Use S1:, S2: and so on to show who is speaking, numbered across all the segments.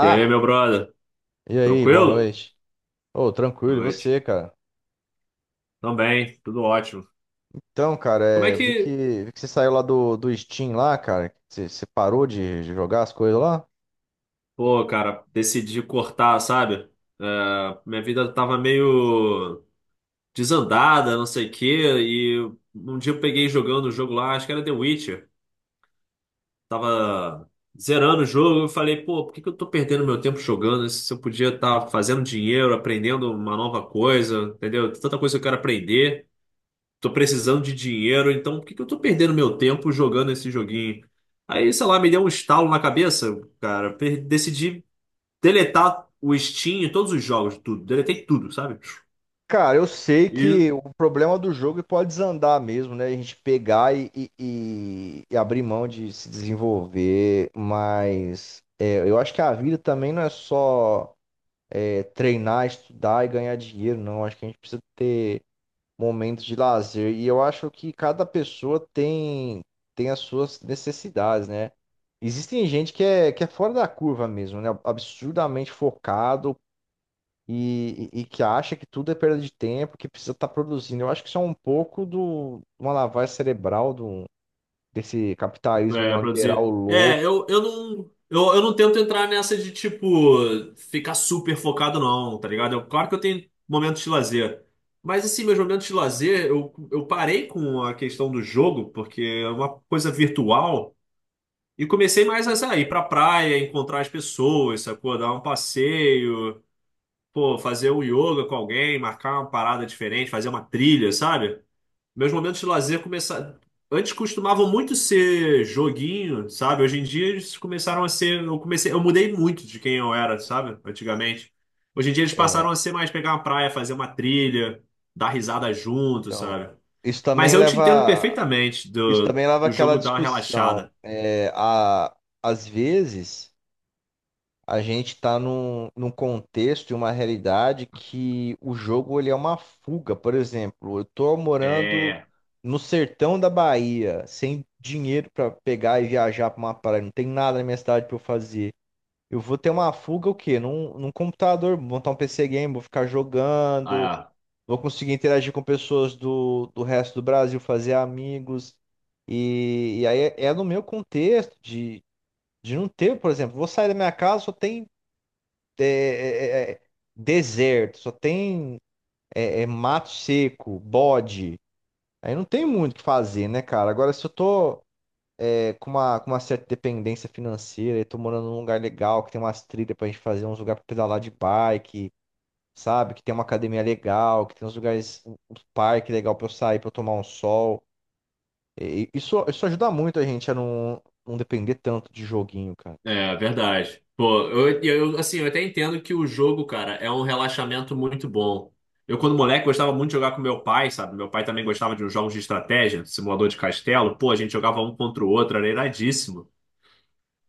S1: E aí, meu brother?
S2: E aí, boa
S1: Tranquilo?
S2: noite. Ô, tranquilo,
S1: Boa
S2: e
S1: noite.
S2: você, cara?
S1: Também, tudo ótimo.
S2: Então, cara,
S1: Como é
S2: eu
S1: que,
S2: vi que você saiu lá do, do Steam lá, cara. Você parou de jogar as coisas lá?
S1: pô, cara, decidi cortar, sabe? Minha vida tava meio desandada, não sei o quê, e um dia eu peguei jogando o jogo lá, acho que era The Witcher. Tava zerando o jogo, eu falei, pô, por que que eu tô perdendo meu tempo jogando? Se eu podia estar fazendo dinheiro, aprendendo uma nova coisa, entendeu? Tanta coisa que eu quero aprender. Tô precisando de dinheiro, então por que que eu tô perdendo meu tempo jogando esse joguinho? Aí, sei lá, me deu um estalo na cabeça, cara. Decidi deletar o Steam, e todos os jogos, tudo. Deletei tudo, sabe?
S2: Cara, eu sei
S1: E,
S2: que o problema do jogo pode desandar mesmo, né? A gente pegar e abrir mão de se desenvolver, mas eu acho que a vida também não é só treinar, estudar e ganhar dinheiro, não. Acho que a gente precisa momento de lazer. E eu acho que cada pessoa tem, as suas necessidades, né? Existem gente que é fora da curva mesmo, né? Absurdamente focado e que acha que tudo é perda de tempo, que precisa estar produzindo. Eu acho que isso é um pouco do uma lavagem cerebral do, desse capitalismo
S1: é, pra
S2: neoliberal
S1: dizer. É,
S2: louco.
S1: eu não. Eu não tento entrar nessa de, tipo, ficar super focado, não, tá ligado? Eu, claro que eu tenho momentos de lazer. Mas, assim, meus momentos de lazer, eu parei com a questão do jogo, porque é uma coisa virtual. E comecei mais a sair pra praia, encontrar as pessoas, sacou? Dar um passeio, pô, fazer um yoga com alguém, marcar uma parada diferente, fazer uma trilha, sabe? Meus momentos de lazer começaram. Antes costumavam muito ser joguinho, sabe? Hoje em dia eles começaram a ser. Eu comecei, eu mudei muito de quem eu era, sabe? Antigamente. Hoje em dia eles passaram
S2: É,
S1: a ser mais pegar uma praia, fazer uma trilha, dar risada junto,
S2: então,
S1: sabe?
S2: isso
S1: Mas
S2: também
S1: eu te entendo
S2: leva,
S1: perfeitamente
S2: isso
S1: do,
S2: também leva
S1: do
S2: àquela
S1: jogo dar uma
S2: discussão.
S1: relaxada.
S2: É, a, às vezes. A gente está num contexto e uma realidade que o jogo ele é uma fuga. Por exemplo, eu estou morando
S1: É.
S2: no sertão da Bahia, sem dinheiro para pegar e viajar para uma praia, não tem nada na minha cidade para eu fazer. Eu vou ter uma fuga o quê? Num computador, vou montar um PC game, vou ficar jogando,
S1: É.
S2: vou conseguir interagir com pessoas do, do resto do Brasil, fazer amigos. E aí é no meu contexto de não ter, por exemplo, vou sair da minha casa, só tem é, é, é, deserto, só tem mato seco, bode. Aí não tem muito o que fazer, né, cara? Agora, se eu tô com uma certa dependência financeira e tô morando num lugar legal, que tem umas trilhas pra gente fazer, uns lugares pra pedalar de bike, sabe? Que tem uma academia legal, que tem uns lugares, um parque legal pra eu sair, pra eu tomar um sol. E isso, isso ajuda muito a gente a não, não depender tanto de joguinho, cara.
S1: É, verdade. Pô, eu, assim, eu até entendo que o jogo, cara, é um relaxamento muito bom. Eu, quando moleque, gostava muito de jogar com meu pai, sabe? Meu pai também gostava de uns jogos de estratégia, simulador de castelo. Pô, a gente jogava um contra o outro, era iradíssimo.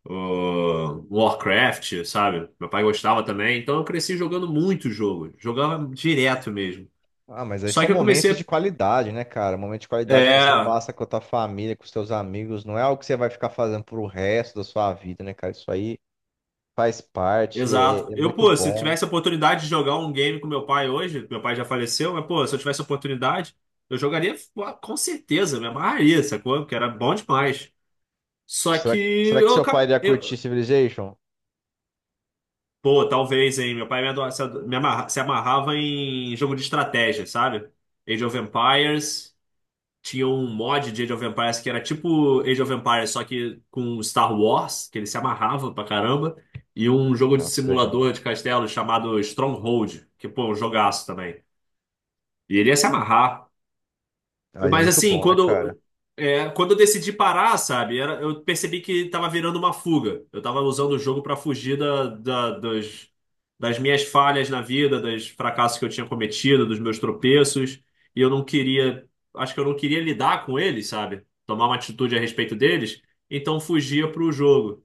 S1: Ô, Warcraft, sabe? Meu pai gostava também. Então eu cresci jogando muito jogo. Jogava direto mesmo.
S2: Ah, mas aí
S1: Só
S2: são
S1: que eu
S2: momentos
S1: comecei.
S2: de qualidade, né, cara? Momento de qualidade que você
S1: É.
S2: passa com a tua família, com os teus amigos, não é algo que você vai ficar fazendo pro resto da sua vida, né, cara? Isso aí faz parte, é,
S1: Exato.
S2: é
S1: Eu,
S2: muito
S1: pô, se eu
S2: bom.
S1: tivesse a oportunidade de jogar um game com meu pai hoje, meu pai já faleceu, mas, pô, se eu tivesse a oportunidade, eu jogaria pô, com certeza, me amarraria, sacou? Porque era bom demais. Só que
S2: Será, será que
S1: eu,
S2: seu pai
S1: acabei-
S2: iria curtir
S1: eu
S2: Civilization?
S1: pô, talvez, hein? Meu pai me, ado- se ado- me amarra- se amarrava em jogo de estratégia, sabe? Age of Empires. Tinha um mod de Age of Empires que era tipo Age of Empires, só que com Star Wars, que ele se amarrava pra caramba. E um jogo de
S2: Nossa, que legal.
S1: simulador de castelo chamado Stronghold, que, pô, é um jogaço também. E ele ia se amarrar.
S2: Aí é
S1: Mas
S2: muito
S1: assim,
S2: bom, né, cara?
S1: quando, é, quando eu decidi parar, sabe, eu percebi que tava virando uma fuga. Eu tava usando o jogo para fugir das minhas falhas na vida, dos fracassos que eu tinha cometido, dos meus tropeços. E eu não queria, acho que eu não queria lidar com eles, sabe? Tomar uma atitude a respeito deles. Então fugia pro jogo.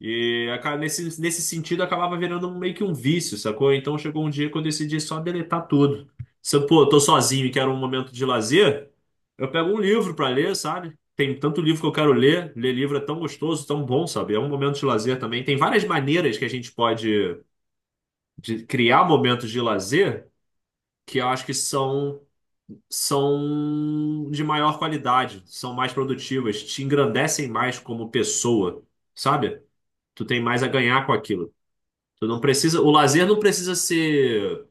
S1: Nesse sentido acabava virando meio que um vício, sacou? Então chegou um dia que eu decidi só deletar tudo. Se eu, pô, tô sozinho e quero um momento de lazer, eu pego um livro pra ler, sabe? Tem tanto livro que eu quero ler, ler livro é tão gostoso, tão bom, sabe? É um momento de lazer também. Tem várias maneiras que a gente pode de criar momentos de lazer que eu acho são de maior qualidade, são mais produtivas, te engrandecem mais como pessoa, sabe? Tu tem mais a ganhar com aquilo. Tu não precisa, o lazer não precisa ser,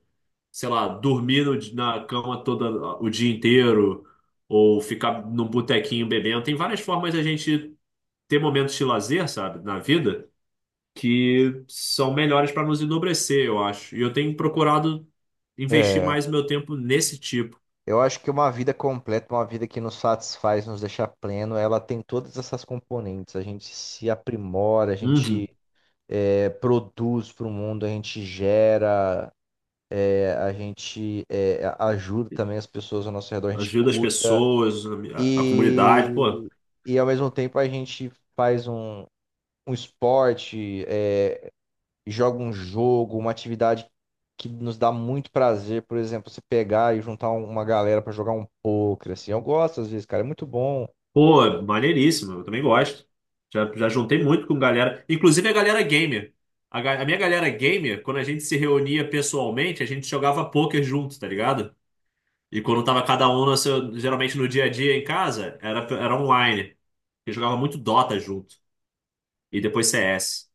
S1: sei lá, dormir no di- na cama toda o dia inteiro ou ficar num botequinho bebendo. Tem várias formas de a gente ter momentos de lazer, sabe, na vida que são melhores para nos enobrecer, eu acho. E eu tenho procurado investir
S2: É.
S1: mais meu tempo nesse tipo.
S2: Eu acho que uma vida completa, uma vida que nos satisfaz, nos deixa pleno, ela tem todas essas componentes. A gente se aprimora, a
S1: Uhum.
S2: gente produz para o mundo, a gente gera. É, a gente ajuda também as pessoas ao nosso redor, a gente
S1: Ajuda as
S2: cuida
S1: pessoas, a comunidade, pô.
S2: e, e ao mesmo tempo a gente faz um, um esporte, é, joga um jogo, uma atividade que nos dá muito prazer, por exemplo, você pegar e juntar uma galera pra jogar um poker, assim, eu gosto às vezes, cara, é muito bom.
S1: Pô, maneiríssimo, eu também gosto. Já juntei muito com galera, inclusive a galera gamer. A minha galera gamer, quando a gente se reunia pessoalmente, a gente jogava poker junto, tá ligado? E quando tava cada um, geralmente no dia a dia em casa, era online. Eu jogava muito Dota junto. E depois CS.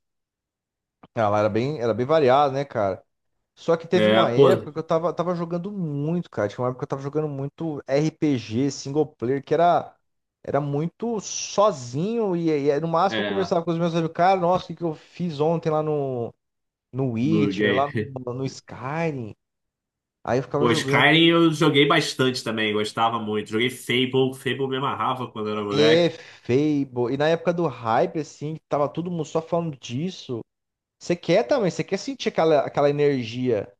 S2: Ela era bem variada, né, cara? Só que teve
S1: É,
S2: uma
S1: pô,
S2: época que eu tava, tava jogando muito, cara. Tinha uma época que eu tava jogando muito RPG, single player, que era, era muito sozinho. E no máximo eu
S1: é,
S2: conversava com os meus amigos, cara, nossa, o que, que eu fiz ontem lá no
S1: no
S2: Witcher,
S1: game.
S2: lá no Skyrim. Aí eu ficava
S1: Pô,
S2: jogando.
S1: Skyrim eu joguei bastante também, gostava muito. Joguei Fable, Fable me amarrava quando era
S2: É,
S1: moleque.
S2: Fable. E na época do hype, assim, que tava todo mundo só falando disso. Você quer também, você quer sentir aquela, aquela energia,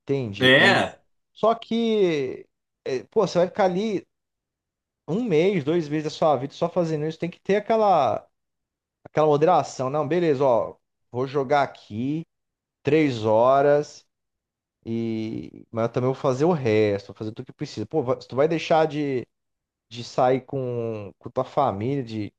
S2: entende? E
S1: É,
S2: só que. É, pô, você vai ficar ali. Um mês, dois meses da sua vida só fazendo isso, tem que ter aquela, aquela moderação. Não, beleza, ó, vou jogar aqui 3 horas e mas eu também vou fazer o resto, vou fazer tudo que precisa. Pô, se tu vai deixar de sair com tua família,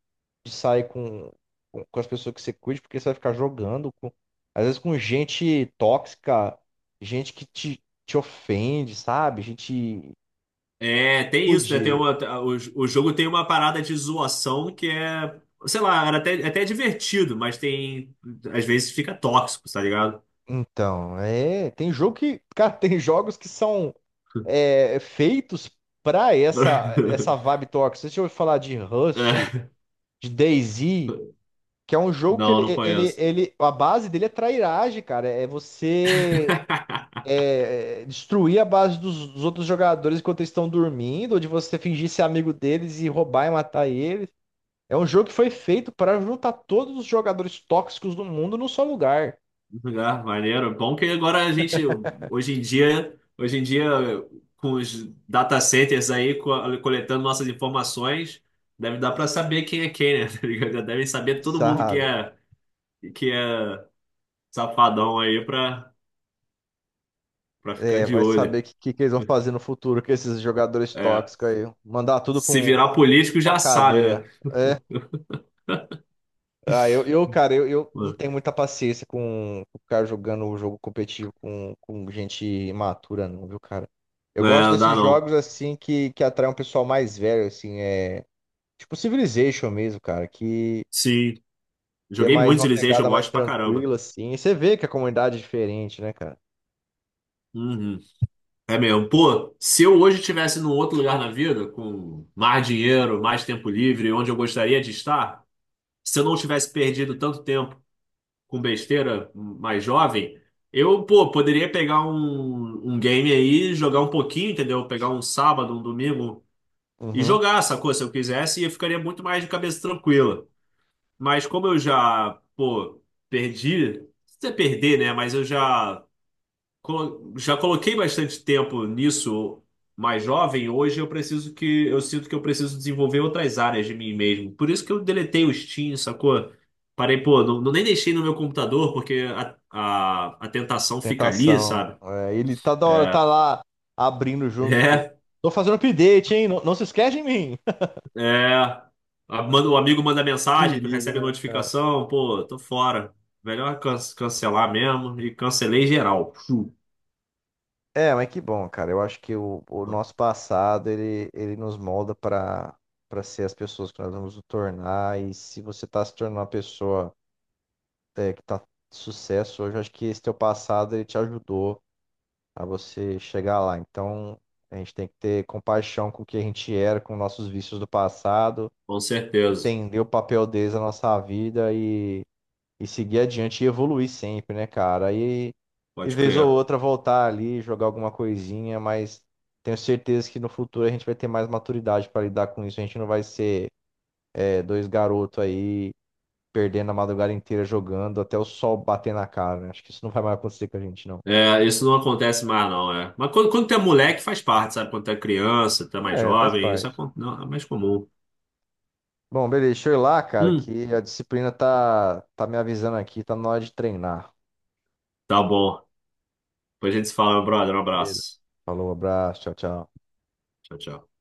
S2: de sair com, com as pessoas que você curte, porque você vai ficar jogando, com, às vezes com gente tóxica, gente que te ofende, sabe? Gente
S1: É, tem isso, né?
S2: rude.
S1: O, o jogo tem uma parada de zoação sei lá, era até, até divertido, às vezes fica tóxico, tá ligado?
S2: Então, é, tem jogo que, cara, tem jogos que são feitos pra essa vibe tóxica. Você já ouviu falar de Rust,
S1: É,
S2: de DayZ, que é um jogo que ele,
S1: não
S2: ele,
S1: conheço.
S2: ele a base dele é trairagem, cara. É você destruir a base dos, dos outros jogadores enquanto eles estão dormindo, ou de você fingir ser amigo deles e roubar e matar eles. É um jogo que foi feito para juntar todos os jogadores tóxicos do mundo num só lugar,
S1: Ah, maneiro. Bom que agora a gente, hoje em dia, com os data centers aí coletando nossas informações, deve dar para saber quem é quem, né? Tá ligado? Já devem saber todo mundo
S2: sabe?
S1: que é safadão aí para pra ficar
S2: É,
S1: de
S2: vai saber o
S1: olho.
S2: que, que eles vão fazer no futuro com esses jogadores
S1: É.
S2: tóxicos aí. Mandar tudo pra
S1: Se virar político,
S2: uma
S1: já sabe,
S2: cadeia.
S1: né?
S2: Ah, eu cara, eu não tenho muita paciência com o cara jogando o jogo competitivo com gente imatura, não, viu, cara?
S1: É,
S2: Eu gosto
S1: não dá
S2: desses
S1: não.
S2: jogos, assim, que atraem um pessoal mais velho, assim, é... Tipo Civilization mesmo, cara,
S1: Sim.
S2: que é
S1: Joguei
S2: mais
S1: muito
S2: uma
S1: Civilization, eu
S2: pegada mais
S1: gosto pra caramba.
S2: tranquila, assim. E você vê que a comunidade é diferente, né, cara?
S1: Uhum. É mesmo. Pô, se eu hoje estivesse num outro lugar na vida, com mais dinheiro, mais tempo livre, onde eu gostaria de estar, se eu não tivesse perdido tanto tempo com besteira mais jovem, eu, pô, poderia pegar um game aí, jogar um pouquinho, entendeu? Pegar um sábado, um domingo e
S2: Uhum.
S1: jogar, sacou? Se eu quisesse, e eu ficaria muito mais de cabeça tranquila. Mas como eu já, pô, perdi, não sei se é perder, né? Já coloquei bastante tempo nisso mais jovem. Hoje eu preciso que, eu sinto que eu preciso desenvolver outras áreas de mim mesmo. Por isso que eu deletei o Steam, sacou? Parei, pô, não nem deixei no meu computador, porque a tentação fica ali,
S2: Tentação.
S1: sabe?
S2: É, ele tá da hora, tá
S1: É.
S2: lá abrindo junto com.
S1: É,
S2: Tô fazendo update, hein? Não, não se esquece de mim.
S1: É, o amigo manda mensagem, tu
S2: Perigo,
S1: recebe a
S2: né, cara?
S1: notificação, pô, tô fora. Cancelar mesmo e cancelei geral. Chu.
S2: É, mas que bom, cara. Eu acho que o nosso passado ele nos molda para para ser as pessoas que nós vamos nos tornar. E se você tá se tornando uma pessoa que tá de sucesso hoje, eu acho que esse teu passado ele te ajudou a você chegar lá. Então a gente tem que ter compaixão com o que a gente era, com nossos vícios do passado.
S1: Com certeza,
S2: Entender o papel deles na nossa vida e seguir adiante e evoluir sempre, né, cara? E
S1: pode
S2: vez ou
S1: crer.
S2: outra voltar ali, jogar alguma coisinha, mas tenho certeza que no futuro a gente vai ter mais maturidade para lidar com isso. A gente não vai ser dois garotos aí perdendo a madrugada inteira jogando até o sol bater na cara, né? Acho que isso não vai mais acontecer com a gente, não.
S1: É, isso não acontece mais, não, é. Mas quando tu é moleque, faz parte, sabe? Quando tu é criança, tu é mais
S2: É, faz
S1: jovem,
S2: parte.
S1: não, é mais comum.
S2: Bom, beleza, deixa eu ir lá, cara,
S1: Hum,
S2: que a disciplina tá, tá me avisando aqui, tá na hora de treinar.
S1: tá bom. Depois a gente se fala, meu brother. Um
S2: Beleza.
S1: abraço.
S2: Falou, abraço, tchau, tchau.
S1: Tchau, tchau.